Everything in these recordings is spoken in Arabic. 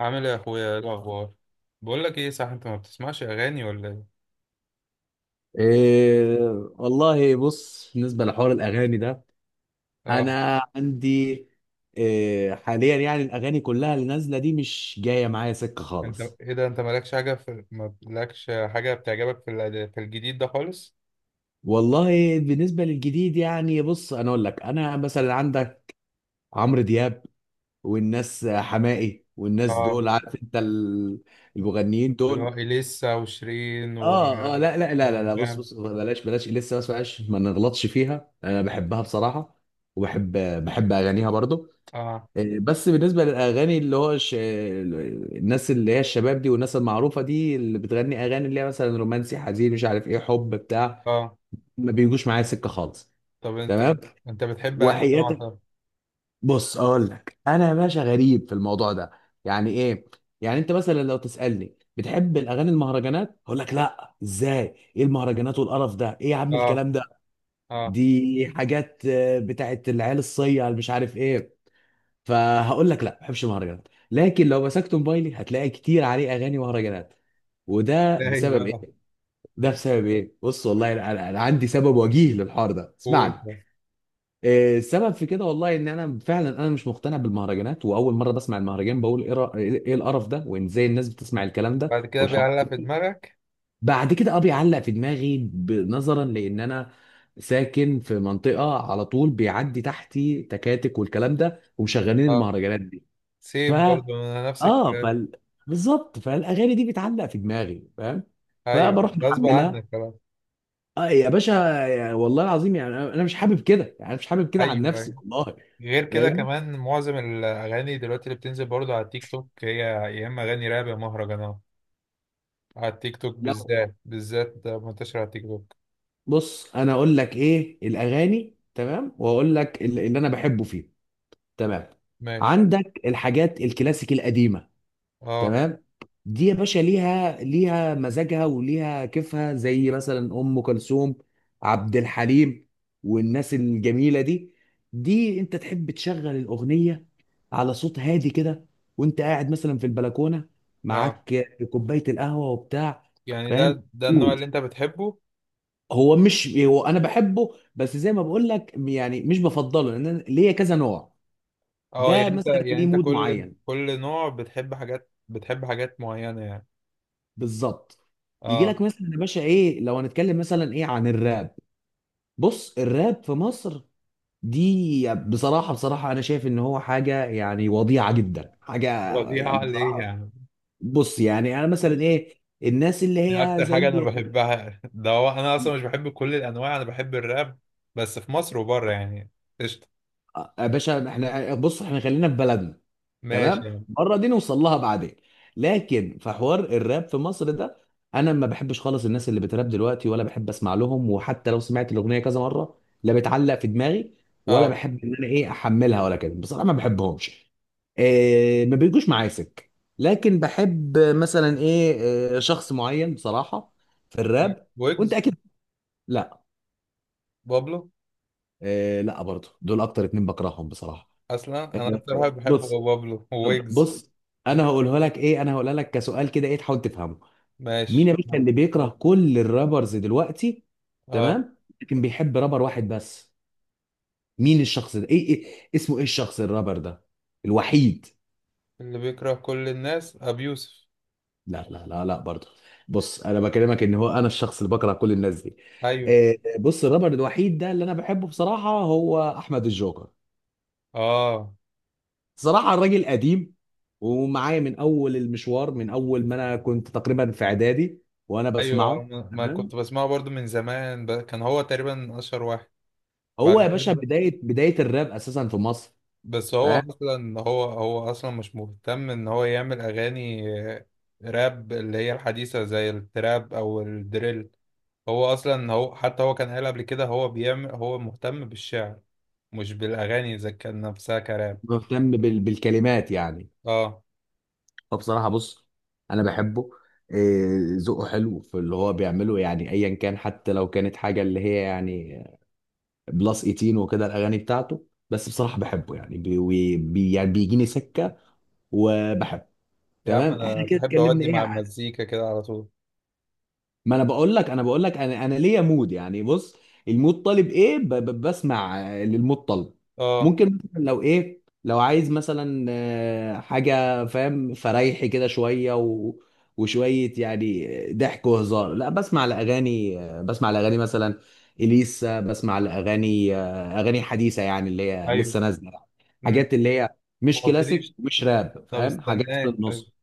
عامل ايه يا اخويا؟ ايه الاخبار؟ بقول لك ايه، صح، انت ما بتسمعش اغاني ولا ايه؟ إيه، والله بص. بالنسبة لحوار الأغاني ده اه أنا عندي إيه حاليا، يعني الأغاني كلها اللي نازلة دي مش جاية معايا سكة انت خالص. ايه ده؟ انت مالكش حاجه ما لكش حاجه بتعجبك في في الجديد ده خالص؟ والله بالنسبة للجديد، يعني بص أنا أقول لك، أنا مثلا عندك عمرو دياب والناس حماقي والناس اه، دول، عارف أنت المغنيين اللي هو دول. اليسا وشيرين و اه اه، لا بص وانغام بص، بلاش لسه، بس بلاش ما نغلطش فيها، انا بحبها بصراحه. وبحب اغانيها برضو. اه، إيه، بس بالنسبة للأغاني اللي هو الناس اللي هي الشباب دي والناس المعروفة دي اللي بتغني أغاني اللي هي مثلا رومانسي، حزين، مش عارف إيه، حب بتاع، اه. ما بيجوش معايا سكة خالص. طب انت، تمام، انت بتحب انهي نوع وحياتك طب؟ بص أقول لك أنا يا باشا، غريب في الموضوع ده. يعني إيه؟ يعني أنت مثلا لو تسألني بتحب الأغاني المهرجانات، أقول لك لا، إزاي، إيه المهرجانات والقرف ده، إيه يا عم اه. الكلام ده. اه. دي حاجات آه، بتاعت العيال الصيع اللي مش عارف إيه. فهقول لك لا ما بحبش المهرجانات، لكن لو مسكت موبايلي هتلاقي كتير عليه اغاني مهرجانات. وده ده بسبب بقى ايه؟ ده بسبب ايه؟ بص والله انا، عندي سبب وجيه للحوار ده، قول اسمعني. بس. إيه السبب في كده؟ والله ان انا فعلا انا مش مقتنع بالمهرجانات، واول مره بسمع المهرجان بقول ايه، إيه القرف ده، وان ازاي الناس بتسمع الكلام ده بعد كده والحوار بيعلق في ده. دماغك؟ بعد كده اه بيعلق في دماغي، نظرا لان انا ساكن في منطقه على طول بيعدي تحتي تكاتك والكلام ده ومشغلين اه، المهرجانات دي. سيم برضو انا نفس اه الكلام. فال، بالظبط، فالاغاني دي بتعلق في دماغي، فاهم؟ ايوه، فبروح غصب محملها. عنك خلاص. اه يا باشا، يا والله العظيم، يعني انا، مش حابب كده، يعني أنا مش حابب كده عن ايوه، نفسي ايوه. والله. غير كده فاهم؟ كمان معظم الأغاني دلوقتي اللي بتنزل برضو على التيك توك هي يا إما أغاني راب يا مهرجانات. على التيك توك لا بالذات، بالذات ده منتشر على التيك توك. بص انا اقول لك ايه الاغاني، تمام؟ واقول لك اللي انا بحبه فيه. تمام، ماشي. عندك الحاجات الكلاسيك القديمه. اه. تمام، دي يا باشا ليها مزاجها وليها كيفها، زي مثلا ام كلثوم، عبد الحليم، والناس الجميله دي. دي انت تحب تشغل الاغنيه على صوت هادي كده، وانت قاعد مثلا في البلكونه اه. معاك كوبايه القهوه وبتاع. يعني فاهم؟ ده النوع اللي مود. أنت بتحبه؟ هو مش، هو انا بحبه بس زي ما بقول لك، يعني مش بفضله لان أنا ليا كذا نوع. اه، ده يعني أنت، مثلا يعني ليه أنت مود كل معين. كل نوع بتحب حاجات، بتحب حاجات معينة يعني. بالظبط، يجي اه. لك مثلا يا باشا ايه، لو هنتكلم مثلا ايه عن الراب. بص الراب في مصر دي، بصراحة انا شايف ان هو حاجة يعني وضيعة جدا. حاجة يعني فظيعة ليه بصراحة، يعني؟ بص يعني انا مثلا ايه، الناس اللي دي هي أكتر حاجة أنا زي، بحبها. ده هو أنا أصلا مش بحب كل الأنواع، أنا بحب الراب، بس في مصر وبره يعني. قشطة. آه، يا باشا احنا بص، احنا خلينا في بلدنا. ماشي تمام، يعني. بره دي نوصل لها بعدين، لكن في حوار الراب في مصر ده انا ما بحبش خالص الناس اللي بتراب دلوقتي، ولا بحب اسمع لهم. وحتى لو سمعت الاغنيه كذا مره، لا بتعلق في دماغي، ولا اه. بحب ان انا ايه احملها ولا كده. بصراحه ما بحبهمش، إيه، ما بيجوش معايا سكه. لكن بحب مثلا ايه، إيه، شخص معين بصراحه في الراب. وانت ويجز. اكيد، لا، بابلو. إيه لا، برضه دول اكتر اتنين بكرههم بصراحه. اصلا انا إيه، اكتر واحد بحبه هو بص، بابلو طب وويجز. بص، انا هقولها لك ايه، انا هقولها لك كسؤال كده، ايه، تحاول تفهمه. مين ماشي. يا باشا اللي بيكره كل الرابرز دلوقتي؟ اه، تمام، لكن بيحب رابر واحد بس. مين الشخص ده، ايه, إيه اسمه، ايه الشخص الرابر ده الوحيد؟ اللي بيكره كل الناس ابي يوسف. لا برضه، بص انا بكلمك ان هو انا الشخص اللي بكره كل الناس دي. ايوه. آه، بص الرابر الوحيد ده اللي انا بحبه بصراحة هو احمد الجوكر. اه. صراحة الراجل قديم ومعايا من أول المشوار، من أول ما أنا كنت تقريبا في إعدادي وأنا ايوه. آه، بسمعه. ما تمام، كنت بسمعه برضو من زمان كان هو تقريبا اشهر واحد. بعد هو يا باشا كده، بداية الراب أساسا في مصر. بس هو فاهم؟ اصلا هو هو اصلا مش مهتم ان هو يعمل اغاني آه، راب اللي هي الحديثة زي التراب او الدريل. هو كان قال قبل كده هو مهتم بالشعر مش بالاغاني اذا كان نفسها كراب. مهتم بالكلمات يعني. اه، فبصراحة بص، أنا بحبه، إيه، ذوقه حلو في اللي هو بيعمله، يعني أيا كان، حتى لو كانت حاجة اللي هي يعني بلس 18 وكده الأغاني بتاعته. بس بصراحة بحبه يعني، يعني بيجيني سكة وبحبه. يا عم تمام، احنا انا كده بحب اتكلمنا اودي ايه. مع المزيكا كده على طول. ما انا بقول لك انا، ليا مود يعني. بص، المود طالب ايه، بسمع آه، للمود طالب. اه. ممكن مثلا لو ايه، لو عايز مثلا آه، حاجه فاهم، فريحي كده شويه وشويه يعني ضحك وهزار، لا بسمع لاغاني آه، بسمع لاغاني مثلا اليسا، بسمع لاغاني آه، اغاني حديثه يعني اللي هي ايوه. لسه نازله يعني. امم. حاجات اللي هي ما مش كلاسيك، قلتليش. مش راب، طب فاهم، حاجات في استناك طيب، النص.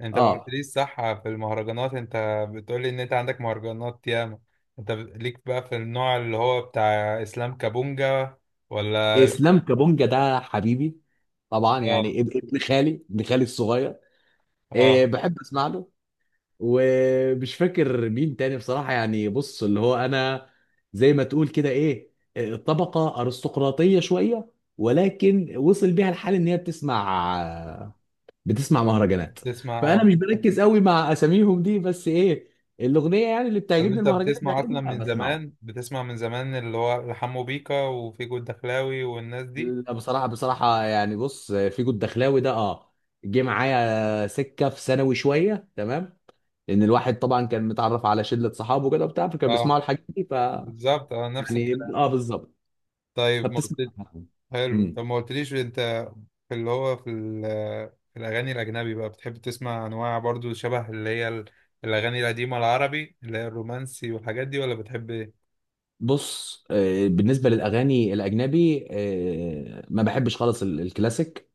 انت ما اه، قلتليش صح في المهرجانات، انت بتقولي ان انت عندك مهرجانات ياما. انت ليك بقى في النوع اللي هو بتاع اسلام كابونجا، ولا اسلام كابونجا ده حبيبي، طبعا اه. يعني ابن خالي، ابن خالي الصغير. إيه اه. بحب اسمع له ومش فاكر مين تاني بصراحه. يعني بص اللي هو انا، زي ما تقول كده ايه، إيه، طبقه ارستقراطيه شويه، ولكن وصل بيها الحال ان هي بتسمع مهرجانات. بتسمع؟ فانا اه. مش بركز قوي مع اساميهم دي، بس ايه، الاغنيه يعني اللي طب بتعجبني انت المهرجانات بتسمع اصلا بيعجبني من بسمعه. زمان، بتسمع من زمان اللي هو حمو بيكا وفيجو الدخلاوي والناس دي. لا بصراحة، يعني بص، فيجو الدخلاوي ده اه، جه معايا سكة في ثانوي شوية، تمام، لأن الواحد طبعا كان متعرف على شلة صحابه كده وبتاع، فكانوا اه. بيسمعوا الحاجات دي ف، بالظبط، اه نفس يعني الكلام. اه بالظبط، طيب ما قلت، فبتسمع. حلو، امم، طب ما قلتليش انت في اللي هو في الاغاني الاجنبي بقى، بتحب تسمع انواع برضو شبه اللي هي الاغاني القديمه العربي اللي هي الرومانسي والحاجات دي، ولا بتحب ايه؟ بص آه، بالنسبة للأغاني الأجنبي آه، ما بحبش خالص الكلاسيك،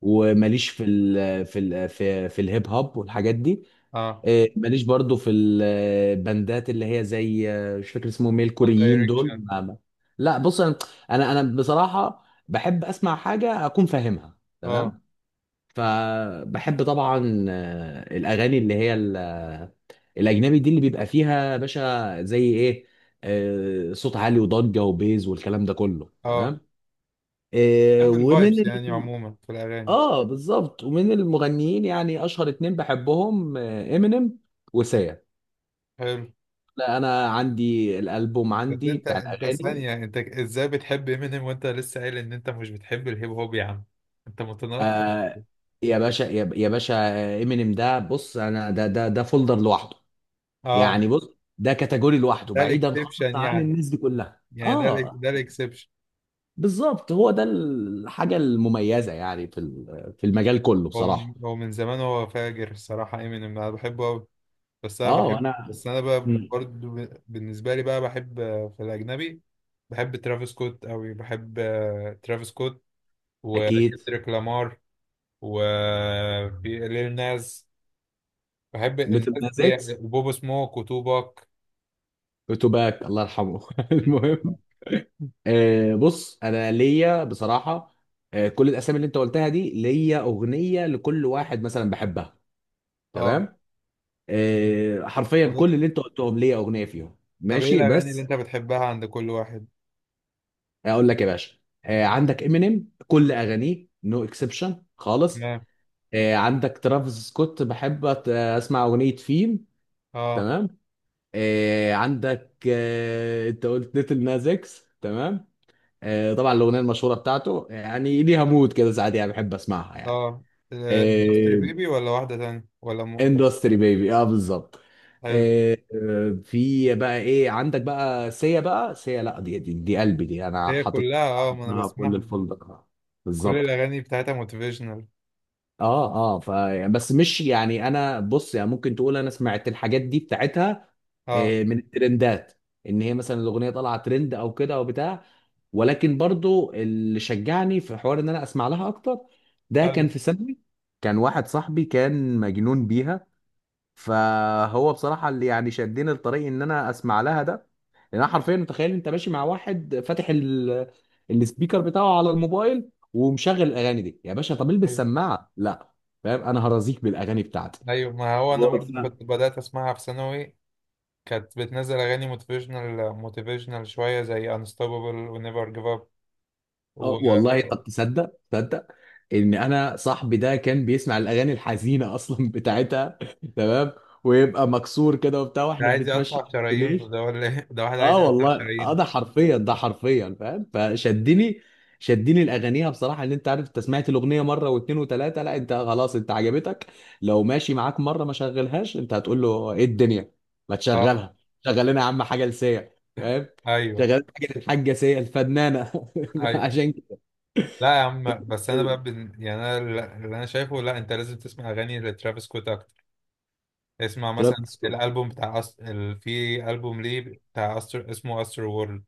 وماليش في الهيب هوب والحاجات دي. اه، إيه، ماليش برضو في الباندات اللي هي زي آه، مش فاكر اسمهم ايه، وان الكوريين دول دايركشن. لا بص انا، أنا بصراحه بحب اسمع حاجه اكون فاهمها. اه. تمام، فبحب طبعا آه، الاغاني اللي هي الاجنبي دي اللي بيبقى فيها يا باشا زي ايه، آه، صوت عالي وضجه وبيز والكلام ده كله. اه. تمام آه، بحب الفايبس يعني عموما في الاغاني. اه بالظبط، ومن المغنيين يعني اشهر اتنين بحبهم، امينيم وسيا. حلو. لا انا عندي الالبوم بس عندي انت، بتاع انت الاغاني. ثانيه، انت ازاي بتحب امينيم وانت لسه قايل ان انت مش بتحب الهيب هوب يا عم؟ انت متناقض. آه يا باشا، يا باشا، امينيم ده بص، انا ده فولدر لوحده، اه. يعني بص، ده كاتيجوري لوحده، ده بعيدا خالص الاكسبشن عن يعني. الناس دي كلها. يعني ده اه ده الاكسبشن. بالظبط، هو ده الحاجه المميزه يعني في المجال كله هو من، بصراحه. هو من زمان هو فاجر الصراحة امينيم، انا بحبه قوي. بس انا اه بحب، انا، بس انا بقى برضه بالنسبة لي بقى بحب آه، في الاجنبي بحب ترافيس سكوت قوي. بحب آه، ترافيس سكوت، اكيد، وكندريك لامار، وليل ناز، بحب ليتل الناس ناز دي. اكس، وبوب سموك وتوباك. وتوباك الله يرحمه المهم، آه، بص انا ليا بصراحه، آه، كل الاسامي اللي انت قلتها دي ليا اغنيه لكل واحد مثلا بحبها. اه. تمام، آه، حرفيا طب، كل اللي انت قلتهم ليا اغنيه فيهم، طب ايه ماشي، الاغاني اللي بس انت بتحبها عند كل واحد؟ اقول لك يا باشا. آه، عندك امينيم كل اغانيه نو اكسبشن خالص. تمام. آه، عندك ترافيس سكوت بحب اسمع اغنيه فيم. اه. تمام، آه، عندك آه، انت قلت ليتل ناز اكس. تمام آه، طبعا الاغنيه المشهوره بتاعته يعني ليها مود كده ساعات، يعني بحب اسمعها يعني. اه. اندستري بيبي ولا واحدة تانية ولا اندستري بيبي، اه بالظبط. حلو. آه، في بقى ايه، عندك بقى سيا، بقى سيا لا، دي قلبي دي، انا هي حاطط كلها اه، حاطط ما انا لها كل بسمعها. الفندق. آه، كل بالظبط. الاغاني بتاعتها موتيفيشنال. اه اه ف بس مش يعني انا، بص يعني ممكن تقول انا سمعت الحاجات دي بتاعتها اه. آه، من الترندات، ان هي مثلا الاغنيه طالعه ترند او كده او بتاع. ولكن برضو اللي شجعني في حوار ان انا اسمع لها اكتر، ده ايوه. كان في ثانوي، كان واحد صاحبي كان مجنون بيها. فهو بصراحة اللي يعني شدني لطريق ان انا اسمع لها ده. لان انا حرفيا متخيل انت ماشي مع واحد فاتح السبيكر بتاعه على الموبايل ومشغل الاغاني دي يا باشا، طب البس ايوه. سماعة لا، فاهم؟ انا هرازيك بالاغاني بتاعتي. أيوة، ما هو انا برضو وقفنا. كنت بدات اسمعها في ثانوي، كانت بتنزل اغاني موتيفيشنال، موتيفيشنال شويه زي انستوبابل ونيفر جيف اب و... اه والله، طب تصدق ان انا صاحبي ده كان بيسمع الاغاني الحزينه اصلا بتاعتها تمام، ويبقى مكسور كده وبتاع ده واحنا عايز بنتمشى يقطع في شرايينه الكورنيش. ده ولا ايه؟ ده واحد عايز اه يقطع والله اه، شرايينه. ده حرفيا، فاهم، فشدني، شدني الاغانيها بصراحه، ان انت عارف، انت سمعت الاغنيه مره واثنين وثلاثه لا انت خلاص انت عجبتك. لو ماشي معاك مره ما شغلهاش، انت هتقول له ايه الدنيا، ما اه. تشغلها. شغل لنا يا عم حاجه لسيا، فاهم؟ ايوه. شغل حاجه، الحاجه سيا الفنانه ايوه. عشان كده. لا يا عم، بس انا بقى يعني انا اللي، انا شايفه لا، انت لازم تسمع اغاني لترافيس سكوت اكتر. اسمع مثلا ترافيس سكوت الالبوم بتاع في البوم ليه بتاع اسمه استر وورلد،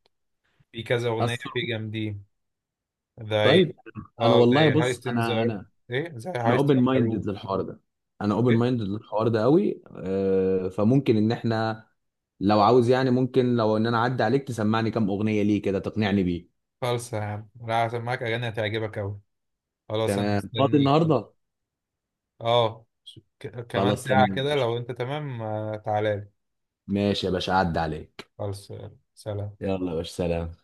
في كذا اغنيه اصلا، فيه جامدين زي، طيب. انا اه والله زي بص هايستن انا، زار. ايه، زي انا هايستن اوبن ذا مايندد روم. للحوار ده، ايه. قوي آه، فممكن ان احنا، لو عاوز يعني، ممكن لو ان انا اعدي عليك تسمعني كام اغنيه ليه كده تقنعني بيه. خالصة يا عم، لا هسمعك اغاني هتعجبك اوي. خلاص انا تمام، فاضي مستنيك. النهارده. اه، كمان خلاص ساعه تمام يا كده باشا، لو انت تمام آه، تعالى لي. ماشي يا باشا، اعدي عليك. خالص. سلام. يلا يا باشا، سلام.